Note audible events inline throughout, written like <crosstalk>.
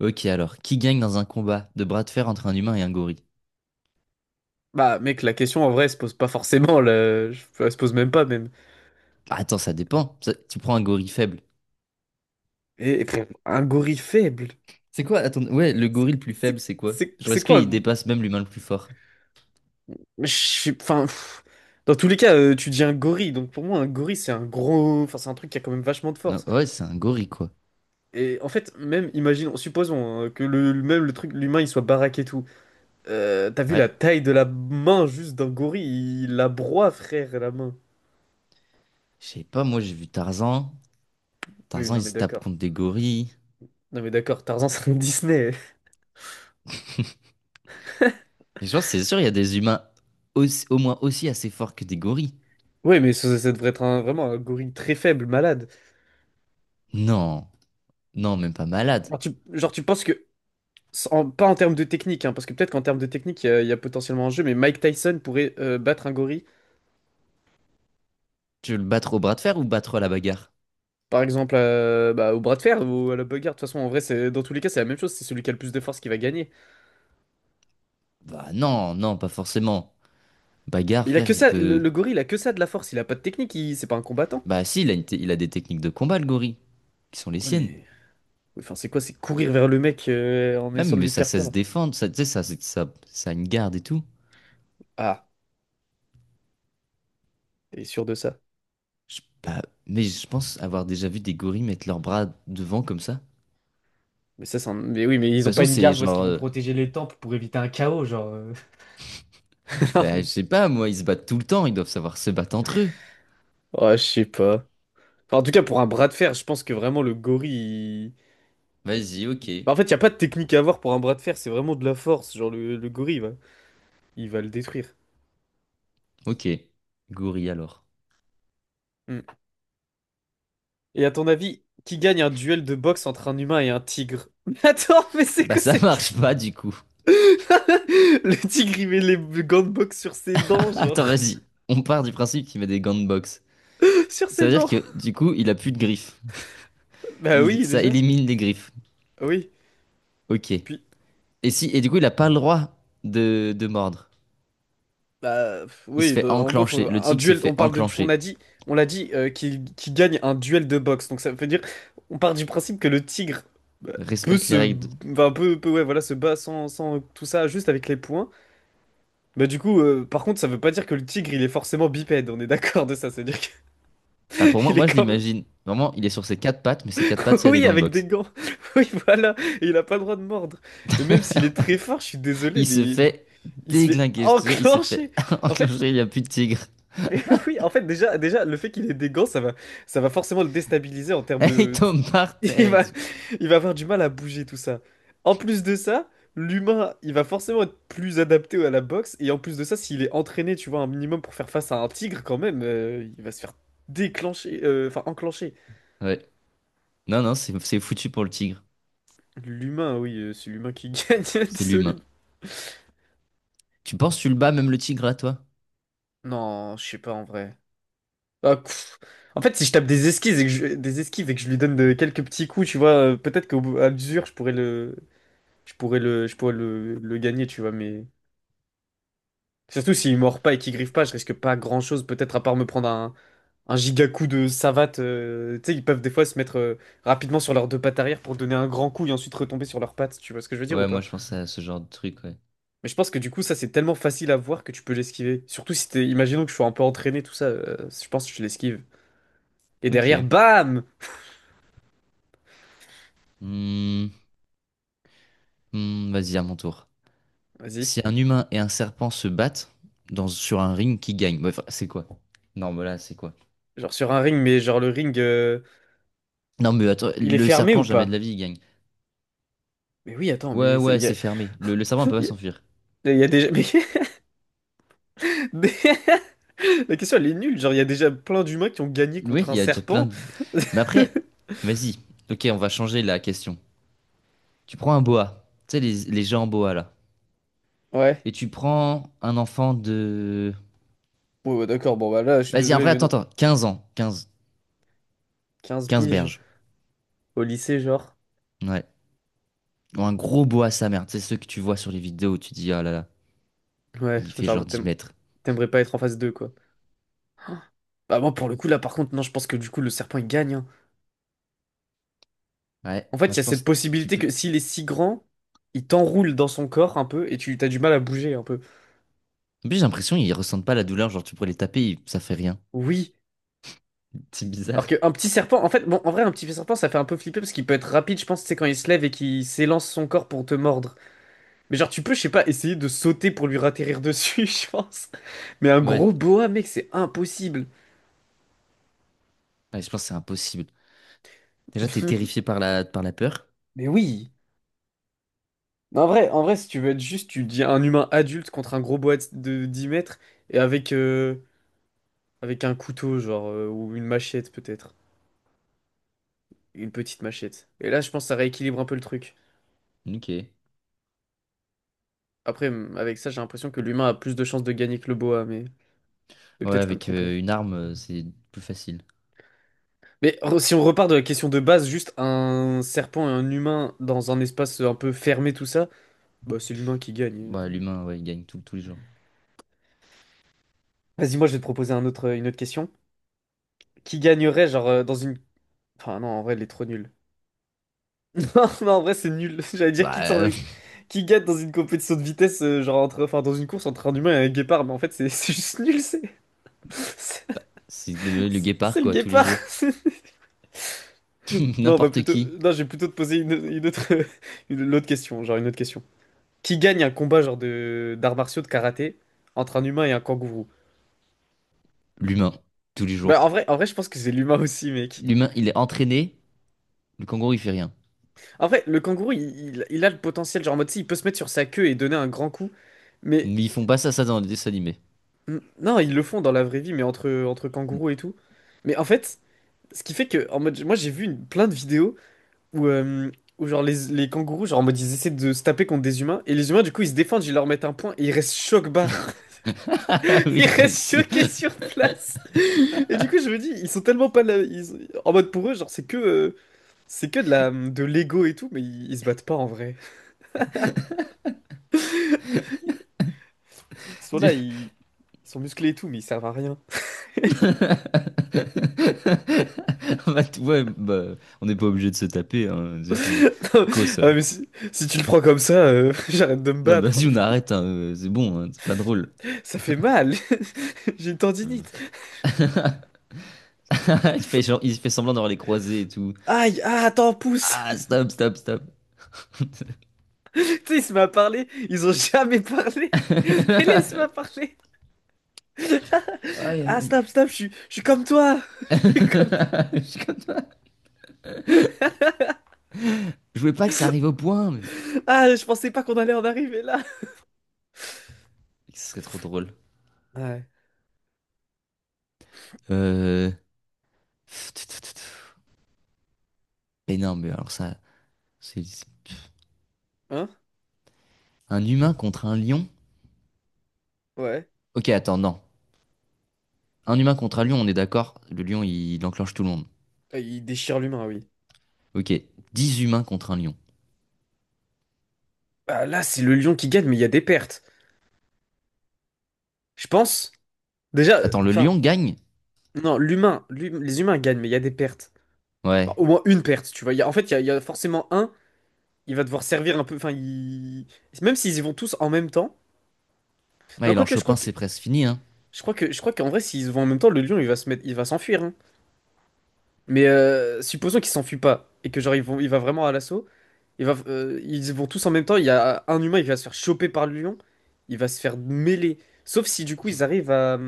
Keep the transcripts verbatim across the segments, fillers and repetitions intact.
Ok, alors, qui gagne dans un combat de bras de fer entre un humain et un gorille? Bah, mec, la question en vrai se pose pas forcément, là. Je- enfin, elle se pose même pas, même. Ah, attends, ça dépend. Ça- tu prends un gorille faible. Et, et pff, un gorille faible, C'est quoi? Attends, ouais, le c'est gorille le plus faible, c'est- c'est quoi? c'est- Genre, c'est est-ce quoi? qu'il dépasse même l'humain le plus fort? Je sais- Enfin, pff, dans tous les cas, euh, tu dis un gorille, donc pour moi, un gorille, c'est un gros. Enfin, c'est un truc qui a quand même vachement de Non, force. ouais, c'est un gorille, quoi. Et en fait, même, imaginons, supposons hein, que le, le- même le truc, l'humain, il soit baraque et tout. Euh, t'as vu la Ouais. taille de la main juste d'un gorille? Il la broie, frère, la main. Je sais pas, moi, j'ai vu Tarzan. Oui, Tarzan, non, il mais se tape d'accord. contre des gorilles. Non, mais d'accord, Tarzan, c'est un Disney. Et genre, c'est sûr, il y a des humains aussi- au moins aussi assez forts que des gorilles. Oui, mais ça, ça devrait être un- vraiment un gorille très faible, malade. Non, non, même pas malade. Genre, tu, genre, tu penses que, sans- pas en termes de technique, hein, parce que peut-être qu'en termes de technique, il y, a il y a potentiellement un jeu, mais Mike Tyson pourrait euh, battre un gorille, Tu veux le battre au bras de fer ou battre à la bagarre? par exemple, euh, bah, au bras de fer ou à la bagarre. De toute façon, en vrai, c'est, dans tous les cas, c'est la même chose. C'est celui qui a le plus de force qui va gagner. Bah non, non, pas forcément. Bagarre, Il a frère, que il ça, le, peut. le gorille, il a que ça de la force. Il a pas de technique, il- c'est pas un combattant. Bah si, il a, une te- il a des techniques de combat, le gorille, qui sont les Ouais, siennes. mais. Enfin, c'est quoi? C'est courir vers le mec euh, en Non, essayant de mais lui ça faire sait se peur. défendre, ça, tu sais, ça, ça, ça a une garde et tout. Ah, t'es sûr de ça? Je- bah, mais je pense avoir déjà vu des gorilles mettre leurs bras devant comme ça. De Mais ça, c'est un- Mais oui, mais ils ont toute pas façon, une c'est garde où est-ce genre... qu'ils vont euh, protéger les temples pour éviter un chaos, genre. euh. bah, je <laughs> sais pas, moi, ils se battent tout le temps, ils doivent savoir se battre entre eux. Ouais, je sais pas. Enfin, en tout cas, pour un bras de fer, je pense que vraiment le gorille. Vas-y, il- ok. En fait, il n'y a pas de technique à avoir pour un bras de fer, c'est vraiment de la force. Genre, le, le gorille, il va, il va le détruire. Ok. Gorille alors. Hmm. Et à ton avis, qui gagne un duel de boxe entre un humain et un tigre? <laughs> Mais attends, mais c'est Bah quoi ça <laughs> cette marche question? pas du coup. <laughs> Le tigre, il met les gants de boxe sur ses dents, <laughs> genre. Attends, vas-y. On part du principe qu'il met des gants de boxe. <laughs> Sur Ça ses veut dire dents. que du coup, il a plus de griffes. Bah Il, oui, ça déjà. élimine les griffes. Oui. Ok. Puis, Et si, et du coup, il a pas le droit de, de mordre. Bah, pff, Il se oui, fait de- en gros, enclencher. faut- Le un tigre se duel, on fait parle de, du- on enclencher. a dit, on l'a dit, euh, qu'il qu'il gagne un duel de boxe. Donc ça veut dire, on part du principe que le tigre bah, peut Respecte les se, règles. enfin, peut, peut, ouais, voilà, se bat sans, sans tout ça, juste avec les poings. Bah du coup, euh, par contre, ça veut pas dire que le tigre, il est forcément bipède. On est d'accord de ça, c'est-à-dire Là, pour moi, qu'il <laughs> est moi, je quand même, l'imagine. Vraiment, il est sur ses quatre pattes, mais ses quatre pattes, <laughs> il y a des oui, gants de avec des boxe. gants. <laughs> Oui, voilà, et il a pas le droit de mordre. Et même s'il est très fort, je suis désolé, Il se mais fait il se fait déglinguer. Je te jure, il se enclencher. fait <laughs> En fait. enclencher. Il n'y a plus de tigre. Mais <laughs> oui, en fait, déjà, déjà, le fait qu'il ait des gants, ça va, ça va, forcément le déstabiliser en termes <laughs> Il de... tombe par <laughs> Il terre et va, tout. il va avoir du mal à bouger tout ça. En plus de ça, l'humain, il va forcément être plus adapté à la boxe. Et en plus de ça, s'il est entraîné, tu vois, un minimum pour faire face à un tigre quand même, euh, il va se faire déclencher, euh, enfin enclencher. Ouais. Non, non, c'est c'est foutu pour le tigre. L'humain, oui, euh, c'est l'humain qui <laughs> gagne, C'est désolé. l'humain. Tu penses, que tu le bats, même le tigre, à toi? Non, je sais pas en vrai. Ah, pff. En fait, si je tape des esquives et que je, des esquives et que je lui donne de- quelques petits coups, tu vois, euh, peut-être qu'au bout- à l'usure, je pourrais le, Je pourrais le, je pourrais le, le gagner, tu vois, mais... Surtout s'il mord pas et qu'il griffe pas, je risque pas grand-chose, peut-être à part me prendre un, un giga coup de savate. euh, Tu sais, ils peuvent des fois se mettre euh, rapidement sur leurs deux pattes arrière pour donner un grand coup et ensuite retomber sur leurs pattes, tu vois ce que je veux dire ou Ouais, moi, pas? je pense à ce genre de truc, ouais. Mais je pense que du coup, ça, c'est tellement facile à voir que tu peux l'esquiver. Surtout si t'es... Imaginons que je sois un peu entraîné, tout ça, euh, je pense que je l'esquive. Et derrière, Ok. bam! Hmm, hmm, vas-y, à mon tour. Vas-y. Si un humain et un serpent se battent dans, sur un ring, qui gagne? Ouais, enfin, c'est quoi? Non, mais là, c'est quoi? Genre sur un ring, mais genre le ring, euh, Non, mais attends, il est le fermé serpent, ou jamais de la pas? vie, il gagne. Mais oui, attends, Ouais, mais ça il ouais, y a... c'est fermé. Le, le serpent ne peut pas Il y s'enfuir. a, il y a déjà... <laughs> mais- La question, elle est nulle. Genre, il y a déjà plein d'humains qui ont gagné Oui, contre un il y a déjà plein serpent. de... Mais <laughs> après, vas-y. Ok, on va changer la question. Tu prends un boa. Tu sais, les, les gens en boa, là. Ouais. Et tu prends un enfant de... Ouais, ouais, d'accord. Bon, bah là, je suis Vas-y, désolé, après, mais attends, non. attends. Quinze ans. quinze quinze quinze piges berges. au lycée, genre. Ouais. Ou un gros boa, sa mère. Tu sais, ceux que tu vois sur les vidéos, où tu dis, ah là là, Ouais, il fait genre genre, dix t'aim- mètres. t'aimerais pas être en phase deux quoi. <gasps> Bah, moi, pour le coup, là, par contre, non, je pense que du coup, le serpent, il gagne, hein. Ouais, En fait, moi, il y a je cette pense... Tu possibilité peux. que s'il est si grand, il t'enroule dans son corps un peu et tu t'as du mal à bouger un peu. En plus, j'ai l'impression qu'ils ressentent pas la douleur. Genre, tu pourrais les taper, ils- ça fait rien. Oui. <laughs> C'est Alors bizarre. qu'un petit serpent, en fait, bon, en vrai, un petit serpent, ça fait un peu flipper parce qu'il peut être rapide, je pense, c'est quand il se lève et qu'il s'élance son corps pour te mordre. Mais genre, tu peux, je sais pas, essayer de sauter pour lui ratterrir dessus, <laughs> je pense. Mais un Ouais. gros boa, mec, c'est impossible. Ouais, je pense que c'est impossible. Déjà, t'es terrifié <laughs> par la, par la peur. Mais oui. Non, en vrai, en vrai, si tu veux être juste, tu dis un humain adulte contre un gros boa de dix mètres et avec, euh, avec un couteau, genre, euh, ou une machette peut-être. Une petite machette. Et là, je pense que ça rééquilibre un peu le truc. Ok. Ouais, Après, m- avec ça, j'ai l'impression que l'humain a plus de chances de gagner que le boa, mais, mais peut-être je peux me avec tromper. euh, une arme, euh, c'est plus facile. Mais re- si on repart de la question de base, juste un serpent et un humain dans un espace un peu fermé, tout ça. Bah, c'est l'humain qui gagne. Bah, l'humain, ouais, il gagne tout- tous les jours. Vas-y, moi je vais te proposer un autre, une autre question. Qui gagnerait, genre, euh, dans une. Enfin, non, en vrai, elle est trop nulle. <laughs> Non, non, en vrai, c'est nul. <laughs> J'allais dire Bah, qui, t'en- euh, <laughs> qui gagne dans une compétition de vitesse, euh, genre, entre... enfin, dans une course entre un humain et un guépard, mais en fait, c'est <laughs> c'est juste nul, c'est. <laughs> C'est c'est le, le c'est guépard, le quoi, tous les guépard. jours. <laughs> <laughs> Non, on va N'importe plutôt. qui. Non, je vais plutôt te poser une, une autre. <laughs> Une, autre question, genre, une autre question. Qui gagne un combat, genre, de d'arts martiaux, de karaté, entre un humain et un kangourou? L'humain, tous les Bah, jours. en vrai, en vrai, je pense que c'est l'humain aussi, mec. L'humain, il est entraîné. Le kangourou, il fait rien. En vrai, le kangourou, il, il- il a le potentiel, genre en mode, si, il peut se mettre sur sa queue et donner un grand coup. Mais Mais ils font pas ça, ça dans les dessins animés. n- non, ils le font dans la vraie vie, mais entre, entre kangourous et tout. Mais en fait, ce qui fait que, en mode, moi j'ai vu une- plein de vidéos où, euh, où genre les, les kangourous, genre en mode, ils essaient de se taper contre des humains, et les humains, du coup, ils se défendent, ils leur mettent un point, et ils restent choc-barre. <laughs> <laughs> Ils Oui, moi restent aussi. choqués sur <laughs> place. Et du coup, je me dis, ils sont tellement pas là. ils- en mode, pour eux, genre, c'est que, euh, c'est que de la, de l'ego et tout, mais ils ils se battent pas en vrai. Ils sont là, ils... ils sont musclés et tout, mais ils servent à rien. <laughs> Bah, tu vois, bah, on n'est pas obligé de se taper. Hein. C'est- c'est- <laughs> Quoi ça? Ah, ouais, mais si... si tu le prends comme ça, euh, <laughs> j'arrête de me Non, bah, battre. vas-y, on arrête, hein, euh, c'est bon, hein, c'est pas drôle. <laughs> Ça fait mal. <laughs> J'ai une Euh, tendinite. <laughs> il fait, genre- il fait semblant d'avoir les croisés et tout. Aïe, ah, attends, pousse. Ah, <laughs> stop, stop, stop. Tu sais, il se met à parler. Ils ont <laughs> jamais parlé. Et là, il se met à <laughs> parler. Aïe, aïe, Ah, aïe. snap, snap, je suis je suis comme toi. <laughs> <laughs> Je suis comme... Je suis comme toi. Je voulais pas que ça arrive au point, mais Ah, je pensais pas qu'on allait en arriver là. ce serait trop drôle. <laughs> Ouais. Euh... Mais non, mais alors ça, c'est c'est Hein? un humain contre un lion? Ouais. Ok, attends, non. Un humain contre un lion, on est d'accord. Le lion, il, il enclenche tout le monde. Ah, il déchire l'humain, oui. Ok, dix humains contre un lion. Ah, là, c'est le lion qui gagne, mais il y a des pertes. Je pense. Déjà, Attends, le enfin, lion gagne? non, l'humain, l'hum- les humains gagnent, mais il y a des pertes. Bah, Ouais. au moins une perte, tu vois. Il y a- en fait, il y a, il y a forcément un, il va devoir servir un peu. Enfin, il... Même s'ils y vont tous en même temps. Ouais, Non, il en quoique, je chope crois un, que. c'est presque fini, hein. Je crois que, je crois qu'en vrai, s'ils vont en même temps, le lion, il va se mettre, il va s'enfuir, hein. Mais euh, supposons qu'il s'enfuit pas et que genre ils vont, il va vraiment à l'assaut. Il va, euh, ils vont tous en même temps. Il y a un humain, il va se faire choper par le lion. Il va se faire mêler. Sauf si du coup ils arrivent à,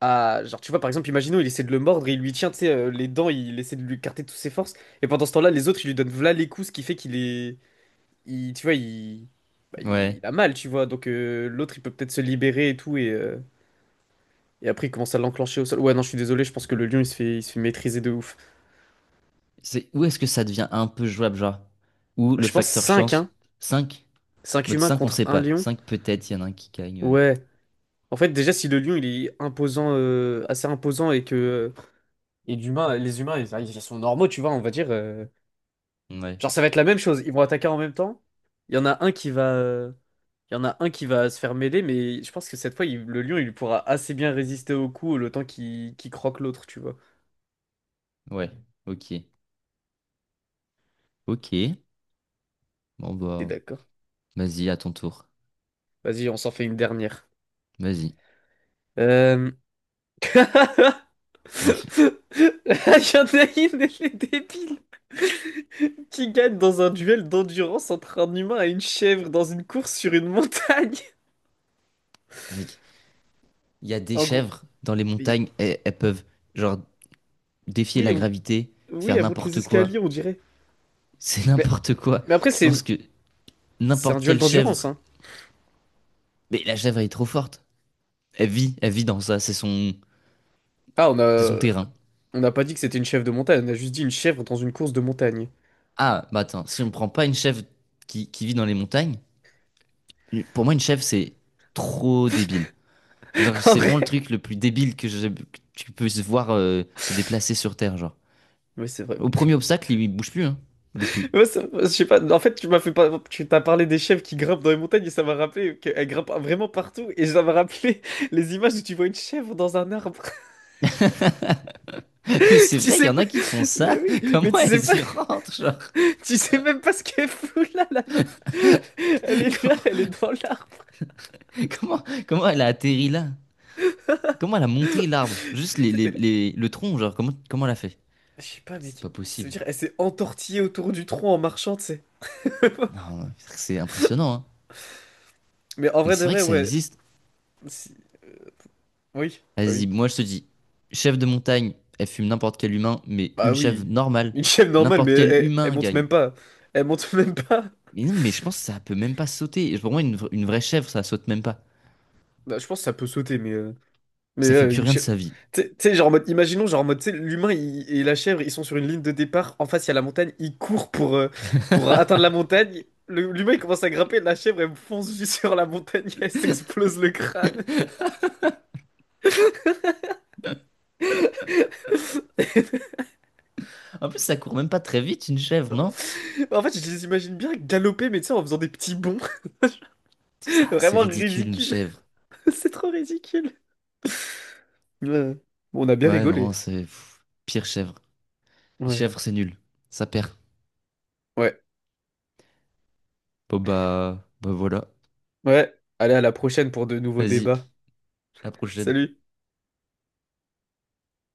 à genre tu vois par exemple, imaginons il essaie de le mordre, et il lui tient tu sais, euh, les dents, il essaie de lui écarter toutes ses forces. Et pendant ce temps-là, les autres ils lui donnent v'là les coups, ce qui fait qu'il est il, tu vois, il, bah, il Ouais. a mal, tu vois. Donc euh, l'autre, il peut peut-être se libérer et tout. Et, euh, et après, il commence à l'enclencher au sol. Ouais, non, je suis désolé, je pense que le lion, il se fait, il se fait maîtriser de ouf. C'est où est-ce que ça devient un peu jouable, genre? Ou le Je pense facteur cinq hein. chance? Cinq? Cinq Mode humains cinq, on contre sait un pas. lion. Cinq, peut-être, il y en a un qui gagne. euh. Ouais. En fait, déjà, si le lion, il est imposant, euh, assez imposant et que. Et l'humain, les humains, ils, ils sont normaux, tu vois, on va dire. euh, Ouais. Genre, ça va être la même chose. Ils vont attaquer en même temps. Il y en a un qui va, euh, il y en a un qui va se faire mêler, mais je pense que cette fois, il- le lion, il pourra assez bien résister au coup le temps qu'il qu'il croque l'autre, tu vois. Ouais. Ok. Ok. Bon T'es bah, d'accord? vas-y, à ton tour. Vas-y, on s'en fait une dernière. Vas-y. Euh... <laughs> Ouais. Il y en a une, les débiles, qui gagne dans un duel d'endurance entre un humain et une chèvre dans une course sur une montagne. <laughs> Mec, il y a des En gros, chèvres dans les mais- montagnes, elles, elles peuvent genre défier oui, la on- gravité, oui, faire elle monte les n'importe escaliers, quoi. on dirait. C'est Mais, n'importe quoi. mais après, Je c'est pense que c'est un n'importe duel quelle d'endurance, chèvre. hein. Mais la chèvre, elle est trop forte. Elle vit, elle vit dans ça. C'est son, Ah, on c'est son a... terrain. On n'a pas dit que c'était une chèvre de montagne, on a juste dit une chèvre dans une course de montagne. Ah, bah attends, si on prend pas une chèvre qui, qui vit dans les montagnes, pour moi, une chèvre, c'est trop débile. Genre, <laughs> En c'est vraiment le vrai. truc le plus débile que, je- que tu peux se voir euh, se déplacer sur Terre, genre. Oui, c'est vrai. Au premier obstacle, il, bouge plus, hein. Il bouge plus. Ouais, c'est- je sais pas. En fait, tu m'as fait pas. Tu t'as parlé des chèvres qui grimpent dans les montagnes et ça m'a rappelé qu'elles grimpent vraiment partout et ça m'a rappelé <laughs> les images où tu vois une chèvre dans un arbre. <laughs> Mais <laughs> c'est Tu vrai, il y sais en pas. a qui font Mais ça. <laughs> oui, mais Comment tu sais pas. elles y rentrent, genre? <laughs> Tu sais même pas ce qu'elle fout là, la meuf. Elle <laughs> est là, elle est Comment, dans l'arbre. comment, comment elle a atterri là? Comment elle a monté l'arbre? Juste Tu les, sais, les- t'es là. les- le tronc, genre, comment, comment elle a fait? Je sais pas, C'est mec. pas Ça veut possible. dire, elle s'est entortillée autour du tronc en marchant, tu sais. Non, c'est impressionnant, hein. Mais en Mais vrai de c'est vrai vrai, que ça ouais. existe. Si- Oui, bah oui. Vas-y, moi je te dis, chef de montagne, elle fume n'importe quel humain, mais Bah une chèvre oui. normale, Une chèvre normale, mais n'importe quel elle, elle humain monte gagne. même pas. Elle monte <laughs> même pas. Mais non, mais je pense que ça peut même pas sauter. Et pour moi, une, vra- une vraie chèvre, ça saute même pas. Bah, je pense que ça peut sauter, mais... euh, Mais Ça fait euh, plus une rien de chèvre... sa vie. Tu sais, tu sais, genre en mode, imaginons, genre en mode, tu sais, l'humain il- et la chèvre, ils sont sur une ligne de départ, en face il y a la montagne, ils courent pour, euh, pour atteindre la montagne, Le- l'humain il commence à grimper, la chèvre elle fonce juste sur la montagne, <laughs> elle s'explose le crâne. En plus, ça court même pas très vite, une chèvre, non? En fait, je les imagine bien galoper, mais tu sais, en faisant des petits bonds, Ça, <laughs> c'est vraiment ridicule, une ridicule. chèvre. <laughs> C'est trop ridicule. Ouais. Bon, on a bien Ouais, non, rigolé. c'est pff, pire chèvre. Les Ouais. chèvres, c'est nul. Ça perd. Ouais. Bon, bah, bah voilà. Ouais, allez, à la prochaine pour de nouveaux Vas-y, débats. à la prochaine. Salut!